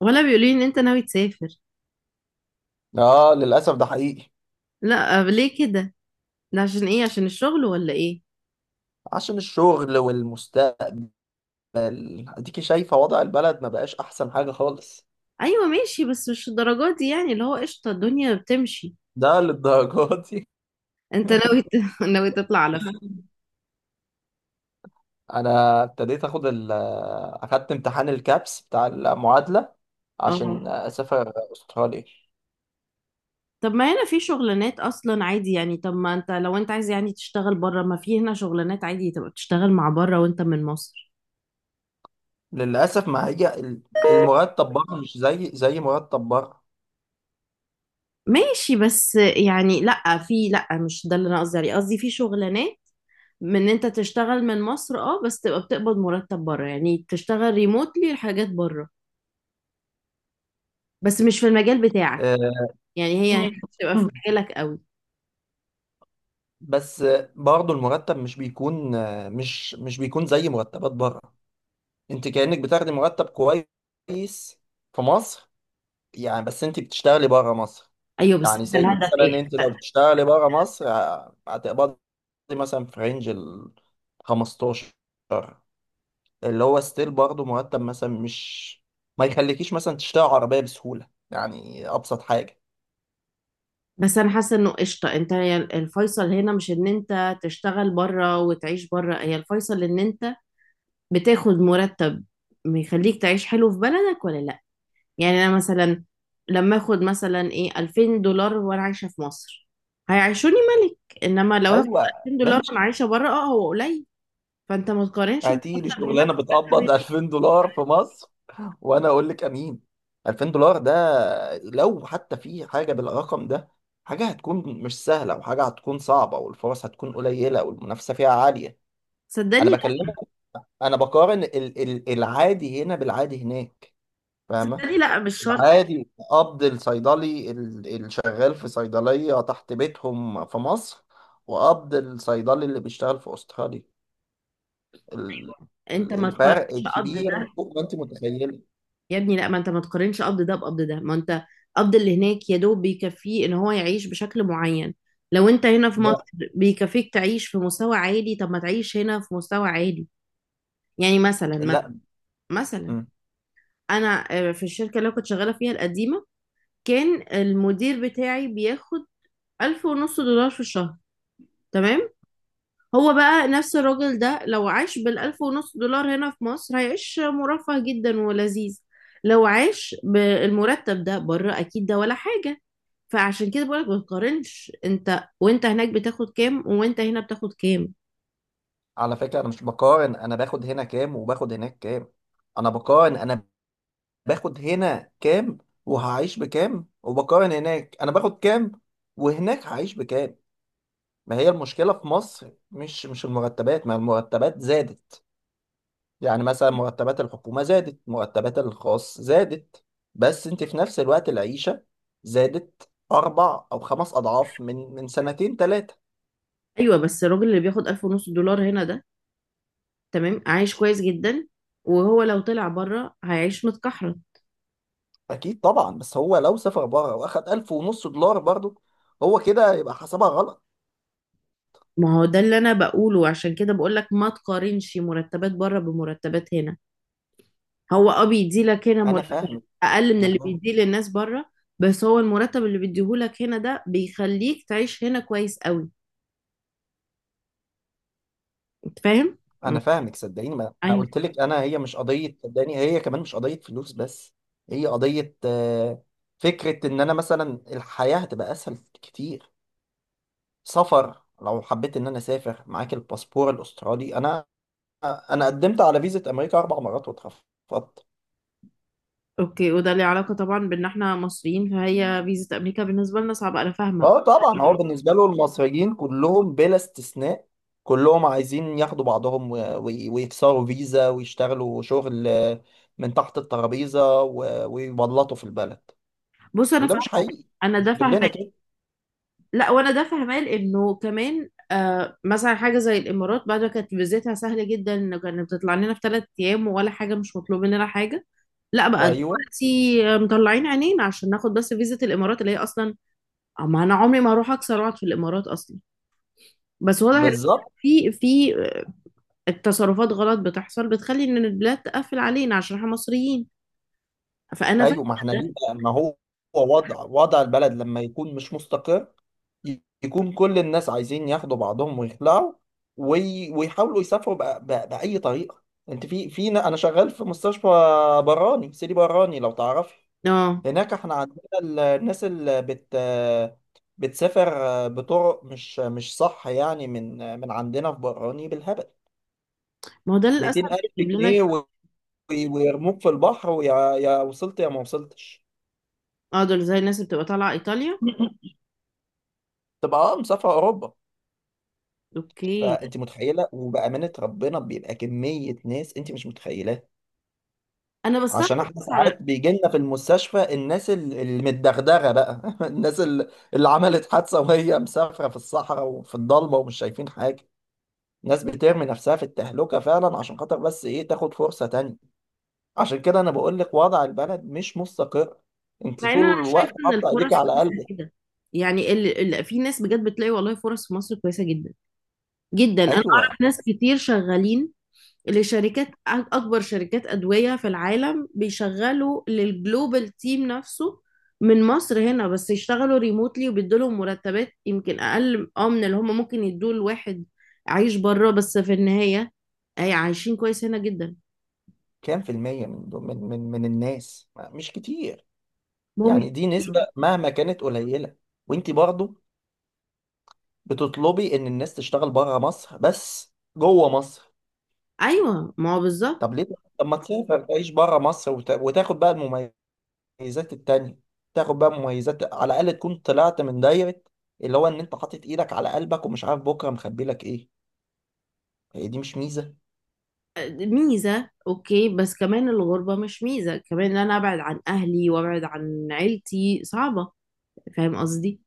ولا بيقولوا لي ان انت ناوي تسافر. اه، للاسف ده حقيقي. لا ليه كده؟ ده عشان ايه، عشان الشغل ولا ايه؟ عشان الشغل والمستقبل. اديكي شايفه وضع البلد، ما بقاش احسن حاجه خالص. ايوه ماشي، بس مش الدرجات دي يعني، اللي هو قشطه الدنيا بتمشي. ده للدرجه دي؟ انت ناوي ناوي تطلع على فين؟ انا ابتديت اخدت امتحان الكابس بتاع المعادله اه، عشان اسافر استراليا. طب ما هنا في شغلانات اصلا عادي، يعني طب ما انت لو انت عايز يعني تشتغل بره، ما في هنا شغلانات عادي تبقى تشتغل مع بره وانت من مصر. للاسف ما هي ال- المرتب بره مش زي مرتب بره. ماشي بس يعني لا، في لا مش ده اللي انا قصدي عليه، قصدي في شغلانات من ان انت تشتغل من مصر، اه، بس تبقى بتقبض مرتب بره، يعني تشتغل ريموتلي الحاجات بره، بس مش في المجال بتاعك. آه، يعني هي مش تبقى في مجالك قوي. بس برضه المرتب مش بيكون زي مرتبات بره. انت كأنك بتاخدي مرتب كويس في مصر، يعني بس انت بتشتغلي بره مصر. ايوه بس يعني انت زي الهدف مثلا ايه؟ انت لو بتشتغلي بره مصر هتقبضي مثلا في رينج ال 15، اللي هو ستيل. برضه مرتب مثلا مش ما يخليكيش مثلا تشتري عربية بسهولة، يعني أبسط حاجة. بس انا حاسه انه قشطه، انت هي الفيصل هنا، مش ان انت تشتغل بره وتعيش بره، هي الفيصل ان انت بتاخد مرتب يخليك تعيش حلو في بلدك ولا لا. يعني انا مثلا لما اخد مثلا ايه 2000 دولار وانا عايشه في مصر هيعيشوني ملك، انما لو هاخد أيوه، 2000 دولار وانا ماشي. عايشه بره اه هو قليل. فانت ما تقارنش مرتب هتيجي هنا شغلانة بمرتب بتقبض هناك. $2000 في مصر؟ وانا اقول لك امين. $2000 ده لو حتى في حاجه بالرقم ده، حاجه هتكون مش سهله وحاجه هتكون صعبه والفرص هتكون قليله والمنافسه فيها عاليه. صدقني انا لا. بكلمك، انا بقارن ال العادي هنا بالعادي هناك. فاهمه؟ صدقني لا، مش شرط. العادي قبض الصيدلي الشغال في صيدليه تحت بيتهم في مصر، وقبض الصيدلي اللي بيشتغل في استراليا. ال- انت ما تقارنش الفرق قبض كبير ده، فوق ما انت متخيله. يا ابني لا، ما انت ما تقارنش قبض ده بقبض ده، ما انت قبض اللي هناك يا دوب بيكفيه ان هو يعيش بشكل معين. لو انت هنا في مصر ده بيكفيك تعيش في مستوى عالي، طب ما تعيش هنا في مستوى عالي. يعني مثلا مثلا لا. مثلا انا، في الشركة اللي أنا كنت شغالة فيها القديمة كان المدير بتاعي بياخد ألف ونص دولار في الشهر. تمام؟ هو بقى نفس الراجل ده لو عاش بالألف ونص دولار هنا في مصر هيعيش مرفه جدا ولذيذ. لو عاش بالمرتب ده بره أكيد ده ولا حاجة. فعشان كده بقولك ما تقارنش، انت وانت هناك بتاخد كام وانت هنا بتاخد كام. على فكرة أنا مش بقارن أنا باخد هنا كام وباخد هناك كام. أنا بقارن أنا باخد هنا كام وهعيش بكام، وبقارن هناك أنا باخد كام وهناك هعيش بكام. ما هي المشكلة في مصر مش المرتبات، ما المرتبات زادت. يعني مثلا مرتبات الحكومة زادت، مرتبات الخاص زادت، بس أنت في نفس الوقت العيشة زادت أربع أو خمس أضعاف من سنتين تلاتة. ايوه بس الراجل اللي بياخد ألف ونص دولار هنا ده، تمام، عايش كويس جدا، وهو لو طلع بره هيعيش متكحرة. اكيد طبعا، بس هو لو سافر بره واخد 1500 دولار برضه، هو كده يبقى حسبها غلط. ما هو ده اللي انا بقوله، عشان كده بقولك ما تقارنش مرتبات بره بمرتبات هنا. هو اه بيدي لك هنا انا مرتب فاهمك اقل من انا اللي فاهمك بيديه للناس بره، بس هو المرتب اللي بيديهولك هنا ده بيخليك تعيش هنا كويس قوي. انت فاهم؟ مم. انا فاهمك. صدقيني، ما انا ايوه. قلت لك انا، هي مش قضيه، صدقني هي كمان مش قضيه فلوس بس. هي قضيه فكره ان انا مثلا الحياه هتبقى اسهل كتير. سفر لو حبيت ان انا اسافر معاك الباسبور الاسترالي. انا قدمت على فيزا امريكا اربع مرات واترفضت. اوكي، وده ليه علاقه طبعا بان احنا مصريين، فهي فيزا امريكا بالنسبه لنا صعبه، انا فاهمه. اه طبعا، هو بالنسبه له المصريين كلهم بلا استثناء، كلهم عايزين ياخدوا بعضهم ويكسروا فيزا ويشتغلوا شغل، من تحت الترابيزه ويبلطوا في البلد. بص انا وده فاهمه. مش حقيقي، انا ده مش كلنا فاهمه. كده. لا وانا ده فاهمه، لانه كمان آه مثلا حاجه زي الامارات بعد ما كانت فيزتها سهله جدا، انه كانت بتطلع لنا في ثلاث ايام ولا حاجه، مش مطلوب مننا حاجه. لا بقى ايوه دلوقتي مطلعين عينينا عشان ناخد بس فيزة الامارات، اللي هي اصلا ما انا عمري ما اروح اكسر واقعد في الامارات اصلا. بس واضح ان بالظبط. في تصرفات غلط بتحصل بتخلي ان البلاد تقفل علينا عشان احنا مصريين. فانا فاهمه. ايوه ما احنا ده ليه بقى، ما هو وضع البلد لما يكون مش مستقر، يكون كل الناس عايزين ياخدوا بعضهم ويخلعوا، ويحاولوا يسافروا بأي طريقة. انت انا شغال في مستشفى براني سيدي براني لو تعرفي. اه، هناك احنا عندنا الناس اللي بتسافر بطرق مش صح يعني، من عندنا في براني بالهبل، ما هو ده للاسف 200 ألف بيجيب لنا. جنيه ويرموك في البحر، ويا وصلت يا ما وصلتش. اه دول زي الناس اللي بتبقى طالعه ايطاليا. تبقى اه مسافر أوروبا. اوكي. فانت متخيله، وبامانه ربنا بيبقى كميه ناس انت مش متخيلاها. انا بستغرب عشان احنا بس على، ساعات بيجي لنا في المستشفى الناس المتدغدغه بقى. الناس اللي عملت حادثه وهي مسافره في الصحراء وفي الضلمه ومش شايفين حاجه. ناس بترمي نفسها في التهلكه فعلا عشان خاطر بس ايه، تاخد فرصه تانية. عشان كده انا بقول لك وضع البلد مش مستقر، انت مع ان انا طول شايفه الوقت ان حاطه ايديك الفرص على كويسه قلبك. كده. يعني في ناس بجد بتلاقي والله فرص في مصر كويسه جدا جدا. انا ايوه. اعرف ناس كتير شغالين لشركات اكبر شركات ادويه في العالم، بيشغلوا للجلوبال تيم نفسه من مصر هنا، بس يشتغلوا ريموتلي، وبيدولهم مرتبات يمكن اقل اه من اللي هم ممكن يدوه لواحد عايش بره، بس في النهايه أي عايشين كويس هنا جدا. كام في المية من الناس؟ مش كتير، هم. يعني دي نسبة مهما كانت قليلة، وانت برضه بتطلبي ان الناس تشتغل بره مصر بس جوه مصر. ايوه ما هو بالظبط. طب ليه؟ طب ما تسافر تعيش بره مصر وتاخد بقى المميزات التانية. تاخد بقى مميزات، على الأقل تكون طلعت من دايرة اللي هو ان انت حاطط ايدك على قلبك ومش عارف بكرة مخبي لك ايه. هي دي مش ميزة؟ ميزه، اوكي بس كمان الغربه مش ميزه كمان، ان انا ابعد عن اهلي وابعد عن عيلتي صعبه. فاهم قصدي؟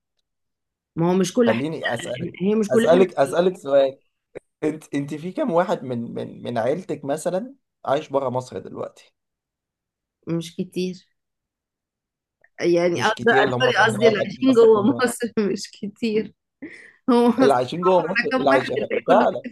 ما هو مش كل حاجه خليني أسألك هي مش كلها. أسألك أسألك سؤال. انت في كام واحد من عيلتك مثلا عايش بره مصر دلوقتي؟ مش كتير، يعني مش قصدي. كتير اللي هم سوري كام قصدي اللي واحد عايشين اصلا، جوه كام واحد؟ مصر مش كتير. هو اللي مصر عايشين جوه مصر؟ كام اللي عايش واحد، الباقي كله. فعلا،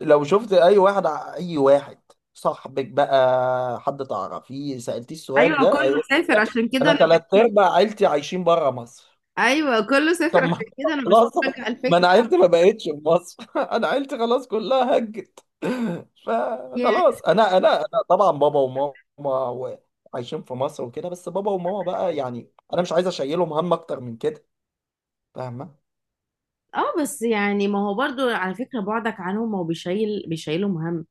لو شفت اي واحد اي واحد صاحبك بقى، حد تعرفيه سألتيه السؤال ايوه ده كله هيقول لك سافر، لا. عشان كده انا انا ثلاث ارباع عيلتي عايشين بره مصر. ايوه كله سافر طب ما عشان كده انا مش خلاص، بشجع ما الفكره. انا عيلتي ما بقتش في مصر. انا عيلتي خلاص كلها هجت. يعني فخلاص انا طبعا بابا وماما عايشين في مصر وكده. بس بابا وماما بقى يعني انا مش عايز اشيلهم هم اكتر من كده. فاهمه؟ اه، بس يعني ما هو برضو على فكره بعدك عنهم هو بيشيل بيشيله مهم.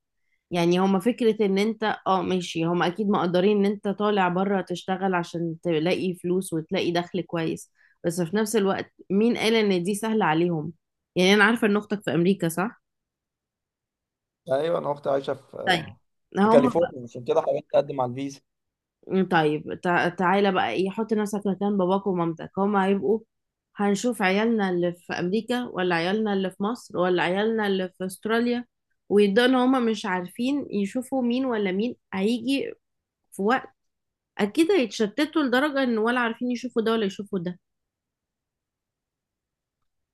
يعني هما فكره ان انت اه ماشي، هما اكيد مقدرين ان انت طالع بره تشتغل عشان تلاقي فلوس وتلاقي دخل كويس، بس في نفس الوقت مين قال ان دي سهله عليهم؟ يعني انا عارفه ان اختك في امريكا صح؟ ايوه انا اختي عايشه في طيب. في هم. كاليفورنيا، عشان كده حاولت اقدم على الفيزا. طيب تعالى بقى ايه، حط نفسك مكان باباك ومامتك، هما هيبقوا هنشوف عيالنا اللي في امريكا ولا عيالنا اللي في مصر ولا عيالنا اللي في استراليا، ويبدأوا ان هما مش عارفين يشوفوا مين ولا مين هيجي في وقت. اكيد هيتشتتوا لدرجة ان ولا عارفين يشوفوا ده ولا يشوفوا ده.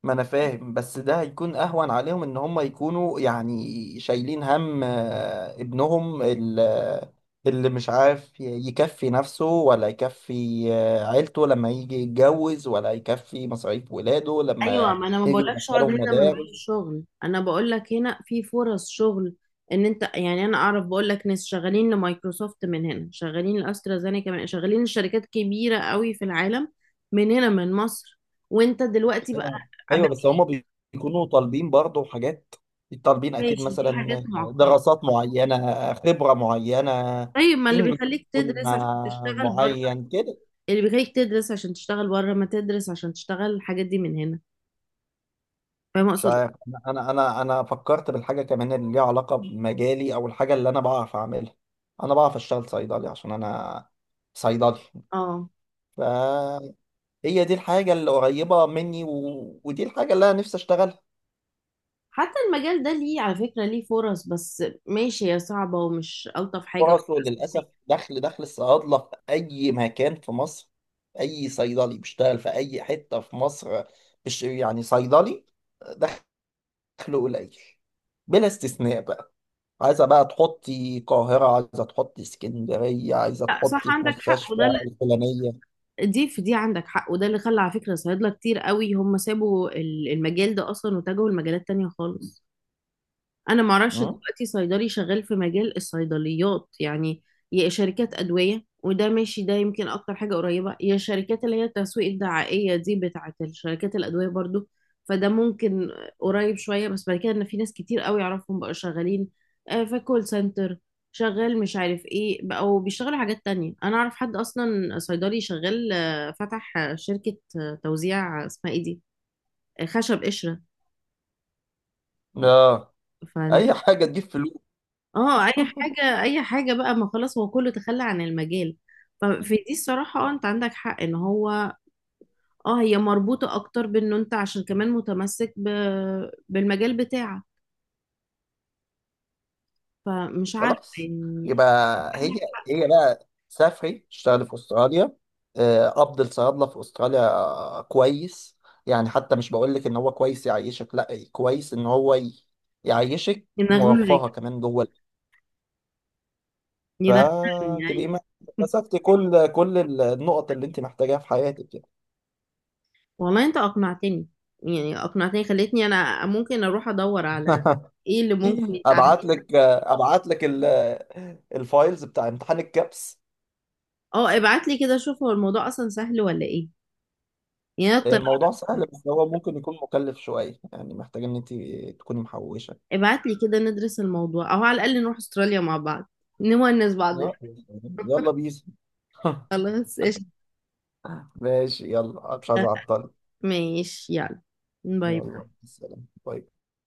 ما انا فاهم، بس ده هيكون اهون عليهم ان هم يكونوا يعني شايلين هم، ابنهم اللي مش عارف يكفي نفسه ولا يكفي عيلته لما يجي يتجوز، ولا يكفي مصاريف ولاده ايوه لما ما انا ما يجي بقولكش اقعد يدخلهم هنا من غير مدارس. شغل، انا بقولك هنا في فرص شغل ان انت يعني، انا اعرف بقولك ناس شغالين لمايكروسوفت من هنا، شغالين لاسترازينيكا، من شغالين لشركات كبيره قوي في العالم من هنا من مصر. وانت دلوقتي بقى ايوه، أيوة، بس بقى- هم بيكونوا طالبين برضه حاجات. طالبين اكيد ماشي دي حاجات مثلا معقده. دراسات معينه، خبره معينه، طيب ما اللي انجلش بيخليك يكون تدرس عشان تشتغل بره، معين كده. اللي بيخليك تدرس عشان تشتغل بره ما تدرس عشان تشتغل الحاجات دي من هنا. فاهم مش اقصد؟ عارف، انا أنا فكرت بالحاجه كمان اللي ليها علاقه بمجالي او الحاجه اللي انا بعرف اعملها. انا بعرف اشتغل صيدلي عشان انا صيدلي. اه. فهي دي الحاجه اللي قريبه مني، ودي الحاجه اللي انا نفسي اشتغلها. حتى المجال ده ليه على فكرة ليه فرص، بس ماشي هي صعبة ومش ألطف حاجة. فرصه للأسف، دخل الصيادلة في أي مكان في مصر، أي صيدلي بيشتغل في أي حتة في مصر، مش يعني صيدلي دخله قليل بلا استثناء بقى. عايزة بقى تحطي القاهرة، عايزة تحطي اسكندرية، عايزة لا صح، تحطي في عندك حق، مستشفى الفلانية. دي في دي عندك حق، وده اللي خلى على فكرة صيادلة كتير قوي هم سابوا المجال ده أصلا واتجهوا لمجالات تانية خالص. انا معرفش أمم؟ دلوقتي صيدلي شغال في مجال الصيدليات يعني، يا شركات ادويه، وده ماشي ده يمكن اكتر حاجه قريبه، يا شركات اللي هي التسويق الدعائيه دي بتاعه الشركات الادويه برضو، فده ممكن قريب شويه، بس بعد كده ان في ناس كتير قوي اعرفهم بقوا شغالين في كول سنتر، شغال مش عارف ايه، او بيشتغلوا حاجات تانية. انا اعرف حد اصلا صيدلي شغال، فتح شركه توزيع، اسمها ايه دي، خشب قشره. اه، أي حاجة تجيب فلوس. اه اي حاجه، اي حاجه بقى، ما خلاص هو كله تخلى عن المجال. ففي دي الصراحه اه انت عندك حق ان هو، اه هي مربوطه اكتر بانه انت عشان كمان متمسك بالمجال بتاعك. فمش عارفه خلاص يعني. يبقى هي هي بقى سافري اشتغلي في استراليا. قبض الصيادله في استراليا كويس. يعني حتى مش بقول لك ان هو كويس يعيشك، لا كويس ان هو يعيشك ينغنغك. مرفهه كمان جوه البيت. ينغنغني، يعني فتبقي ما مسكتي كل النقط اللي انت محتاجاها في حياتك يعني. والله انت اقنعتني، يعني اقنعتني، خلتني انا ممكن اروح ادور على ايه اللي ممكن يتعمل. ابعت لك الفايلز بتاع امتحان الكابس. اه ابعت لي كده، شوف هو الموضوع اصلا سهل ولا ايه، يعني أنا اطلع. الموضوع سهل، بس هو ممكن يكون مكلف شويه، يعني محتاج ان انت تكوني محوشه. ابعت لي كده ندرس الموضوع، او على الاقل نروح استراليا مع بعض نونس بعضنا. لا، يلا بيس. خلاص قشطة. ماشي يلا، مش عايز اعطل. ماشي يلا، باي. يلا سلام، باي.